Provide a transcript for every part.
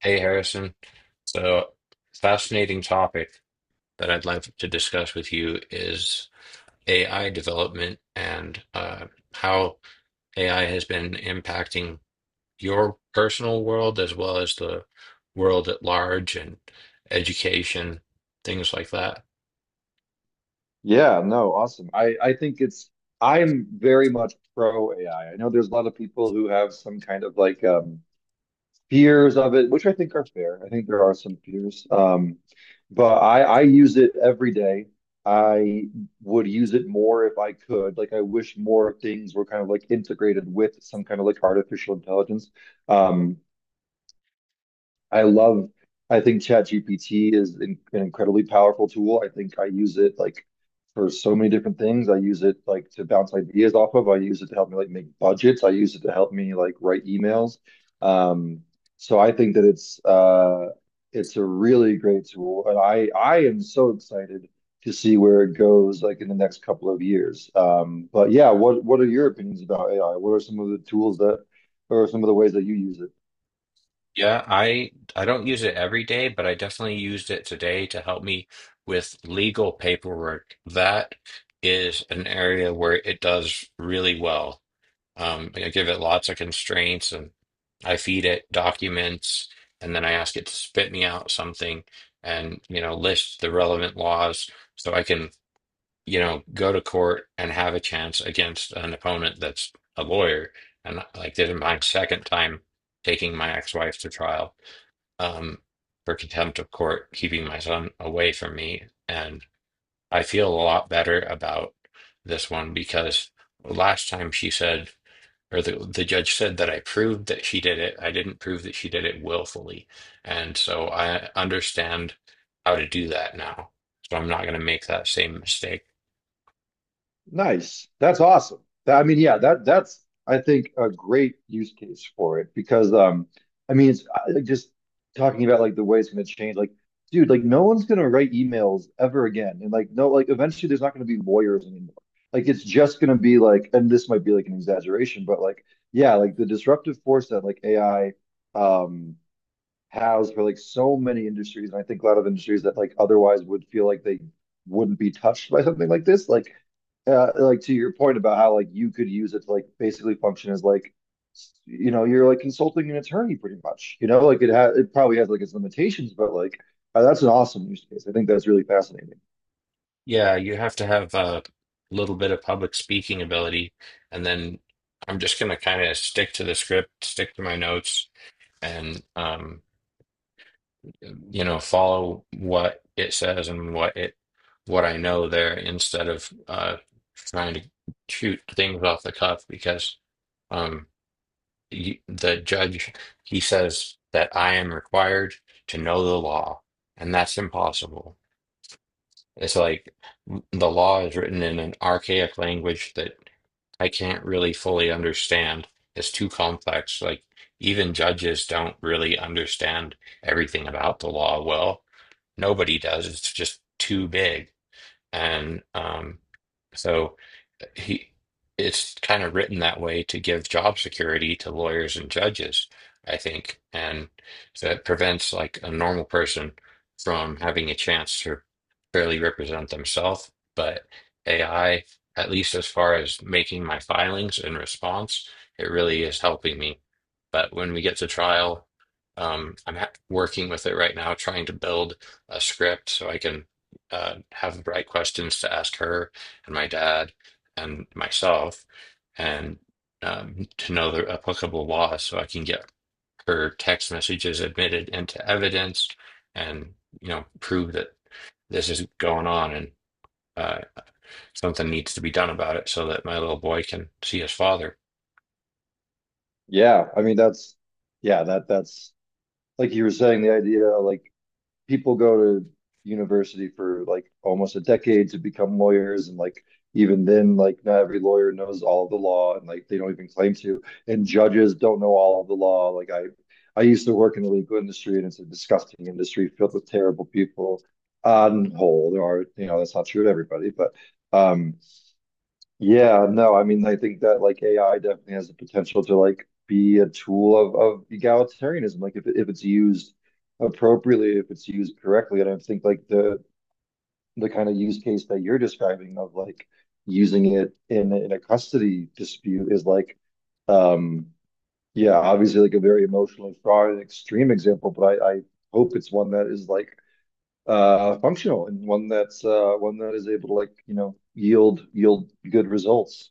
Hey, Harrison. So, fascinating topic that I'd like to discuss with you is AI development and how AI has been impacting your personal world as well as the world at large and education, things like that. Yeah, no, awesome. I think it's I'm very much pro AI. I know there's a lot of people who have some kind of like fears of it, which I think are fair. I think there are some fears. But I use it every day. I would use it more if I could. Like I wish more things were kind of like integrated with some kind of like artificial intelligence. Um, I I think ChatGPT is an incredibly powerful tool. I think I use it like for so many different things. I use it like to bounce ideas off of. I use it to help me like make budgets. I use it to help me like write emails. Um, so I think that it's it's a really great tool, and I am so excited to see where it goes like in the next couple of years. But yeah, what are your opinions about AI? What are some of the tools or some of the ways that you use it? Yeah, I don't use it every day, but I definitely used it today to help me with legal paperwork. That is an area where it does really well. I give it lots of constraints and I feed it documents and then I ask it to spit me out something and, you know, list the relevant laws so I can, you know, go to court and have a chance against an opponent that's a lawyer. And like did in my second time taking my ex-wife to trial, um, for contempt of court, keeping my son away from me. And I feel a lot better about this one because last time she said, or the judge said that I proved that she did it. I didn't prove that she did it willfully. And so I understand how to do that now. So I'm not going to make that same mistake. Nice. That's awesome. That- I mean, yeah, that's I think a great use case for it because I mean it's I- like just talking about like the way it's going to change like dude like no one's going to write emails ever again and like no like eventually there's not going to be lawyers anymore. Like it's just going to be like and this might be like an exaggeration but like yeah, like the disruptive force that like AI um has for like so many industries, and I think a lot of industries that like otherwise would feel like they wouldn't be touched by something like this. Like to your point about how like you could use it to like basically function as like, you know, you're like consulting an attorney pretty much. You know, like it probably has like its limitations, but like that's an awesome use case. I think that's really fascinating. Yeah, you have to have a little bit of public speaking ability, and then I'm just going to kind of stick to the script, stick to my notes, and you know, follow what it says and what it what I know there instead of trying to shoot things off the cuff because um, you, the judge, he says that I am required to know the law, and that's impossible. It's like the law is written in an archaic language that I can't really fully understand. It's too complex. Like even judges don't really understand everything about the law well. Nobody does. It's just too big. And so he it's kind of written that way to give job security to lawyers and judges, I think, and so it prevents like a normal person from having a chance to fairly represent themselves. But AI, at least as far as making my filings in response, it really is helping me. But when we get to trial, I'm ha working with it right now, trying to build a script so I can have the right questions to ask her and my dad and myself and to know the applicable laws, so I can get her text messages admitted into evidence and you know prove that this is going on and uh, something needs to be done about it so that my little boy can see his father. Yeah, I mean that's yeah that's like you were saying the idea like people go to university for like almost a decade to become lawyers and like even then like not every lawyer knows all of the law and like they don't even claim to and judges don't know all of the law like I used to work in the legal industry and it's a disgusting industry filled with terrible people on whole there are you know that's not true to everybody but um yeah, no, I mean, I think that like AI definitely has the potential to like be a tool of egalitarianism, like if if it's used appropriately, if it's used correctly, and I think like the kind of use case that you're describing of like using it in a custody dispute is like, um, yeah, obviously like a very emotionally fraught and extreme example, but I hope it's one that is like functional and one that's one that is able to like you know yield good results.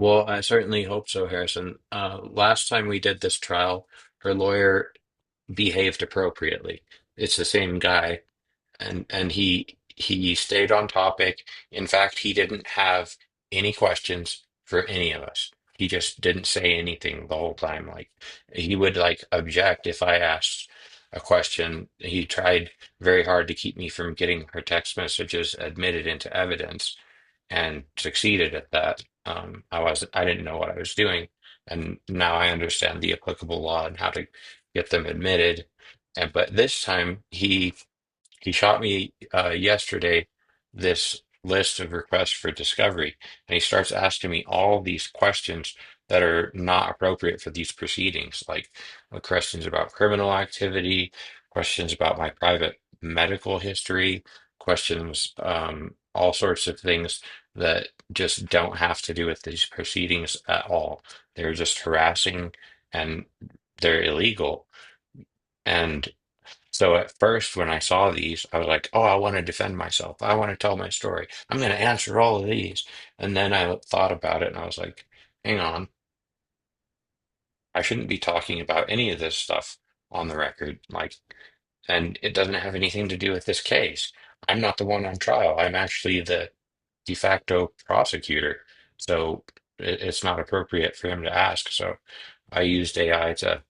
Well, I certainly hope so, Harrison. Last time we did this trial, her lawyer behaved appropriately. It's the same guy and and he stayed on topic. In fact, he didn't have any questions for any of us. He just didn't say anything the whole time. Like he would like object if I asked a question. He tried very hard to keep me from getting her text messages admitted into evidence and succeeded at that. Um, I didn't know what I was doing, and now I understand the applicable law and how to get them admitted. And but this time he shot me, yesterday, this list of requests for discovery, and he starts asking me all these questions that are not appropriate for these proceedings, like questions about criminal activity, questions about my private medical history, questions, all sorts of things that just don't have to do with these proceedings at all. They're just harassing and they're illegal. So at first, when I saw these, I was like, oh, I want to defend myself. I want to tell my story. I'm going to answer all of these. And then I thought about it and I was like, hang on, I shouldn't be talking about any of this stuff on the record. Like, and it doesn't have anything to do with this case. I'm not the one on trial. I'm actually the de facto prosecutor. So it's not appropriate for him to ask. So I used AI to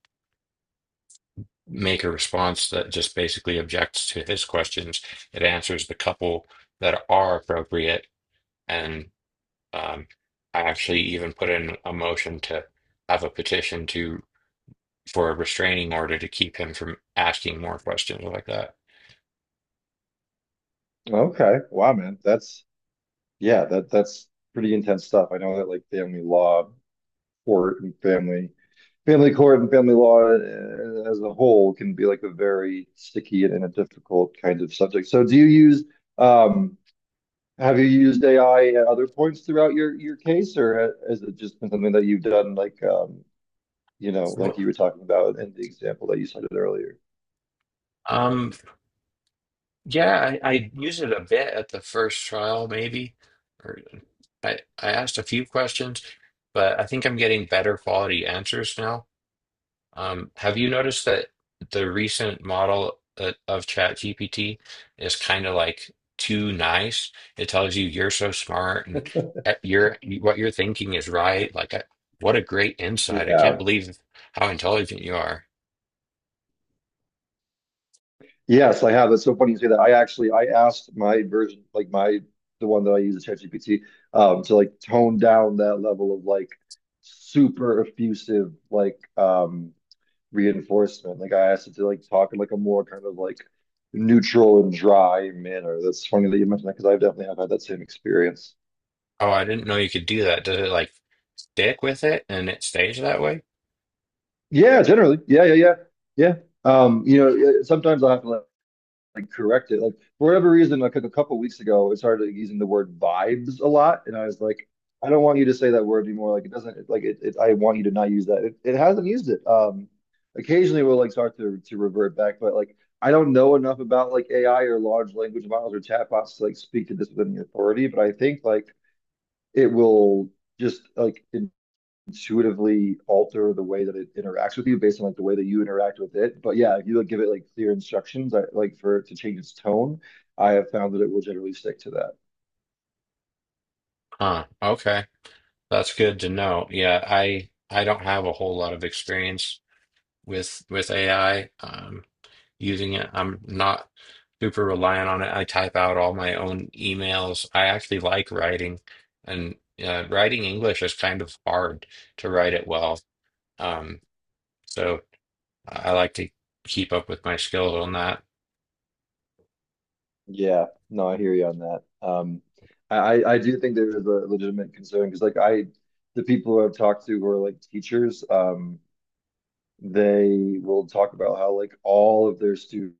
make a response that just basically objects to his questions. It answers the couple that are appropriate, and um, I actually even put in a motion to have a petition to for a restraining order to keep him from asking more questions like that. Okay. Wow, man. That's yeah, that's pretty intense stuff. I know that like family law court and family court and family law as a whole can be like a very sticky and a difficult kind of subject. So do you use um have you used AI at other points throughout your case or has it just been something that you've done like you know like Well, you were talking about in the example that you cited earlier? um, yeah, I used it a bit at the first trial, maybe, or I asked a few questions, but I think I'm getting better quality answers now. Have you noticed that the recent model of ChatGPT is kind of like too nice? It tells you you're so smart and you're what you're thinking is right. Like, what a great insight! I can't Yeah. believe how intelligent you are. Yes, I have. It's so funny you say that. I actually I asked my version, like my the one that I use at ChatGPT, to like tone down that level of like super effusive like reinforcement. Like I asked it to like talk in like a more kind of like neutral and dry manner. That's funny that you mentioned that because I've definitely have had that same experience. Oh, I didn't know you could do that. Does it like stick with it and it stays that way? Yeah, generally. Yeah, yeah, yeah. Yeah. You know, sometimes I have to like correct it. Like for whatever reason, like a couple of weeks ago, it started using the word vibes a lot, and I was like, I don't want you to say that word anymore. Like it doesn't like it. I want you to not use that. It hasn't used it. Occasionally we'll like start to revert back, but like I don't know enough about like AI or large language models or chatbots to like speak to this with any authority. But I think like it will just like it intuitively alter the way that it interacts with you based on like the way that you interact with it. But yeah, if you like give it like clear instructions, like for it to change its tone, I have found that it will generally stick to that. Huh. Okay, that's good to know. Yeah, I don't have a whole lot of experience with AI. Using it, I'm not super reliant on it. I type out all my own emails. I actually like writing, and writing English is kind of hard to write it well. Um, so I like to keep up with my skills on that. Yeah, no, I hear you on that. I I do think there is a legitimate concern because like the people who I've talked to who are like teachers, they will talk about how like all of their students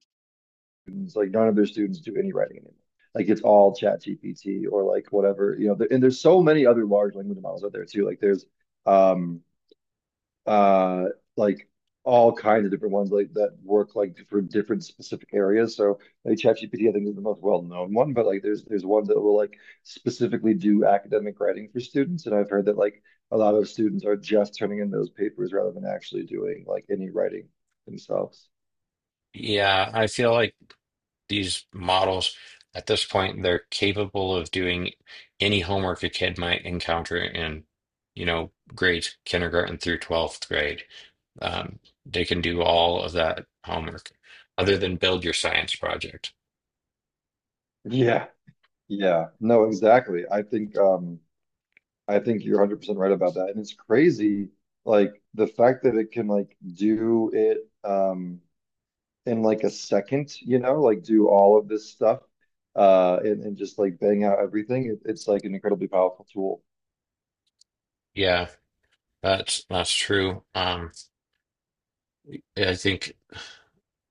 students, like none of their students do any writing anymore. Like it's all chat GPT or like whatever, you know, and there's so many other large language models out there too. Like there's um uh like all kinds of different ones like that work like for different specific areas. So like ChatGPT, I think is the most well-known one, but like there's one that will like specifically do academic writing for students. And I've heard that like a lot of students are just turning in those papers rather than actually doing like any writing themselves. Yeah, I feel like these models at this point they're capable of doing any homework a kid might encounter in, you know, grades kindergarten through 12th grade. Um, they can do all of that homework other than build your science project. Yeah. Yeah, no, exactly. I think you're 100% right about that. And it's crazy like the fact that it can like do it in like a second, you know, like do all of this stuff and just like bang out everything. It's like an incredibly powerful tool. Yeah, that's true. Yeah, I think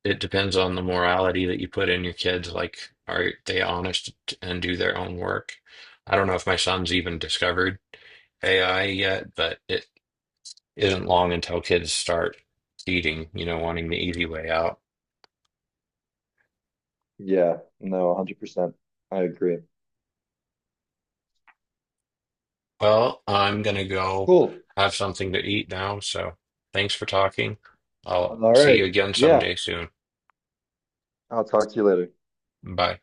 it depends on the morality that you put in your kids. Like, are they honest and do their own work? I don't know if my son's even discovered AI yet, but it isn't long until kids start cheating, you know, wanting the easy way out. Yeah, no, 100%. I agree. Well, I'm gonna go Cool. have something to eat now, so thanks for talking. I'll All see right. you again Yeah, someday soon. I'll talk to you later. Bye.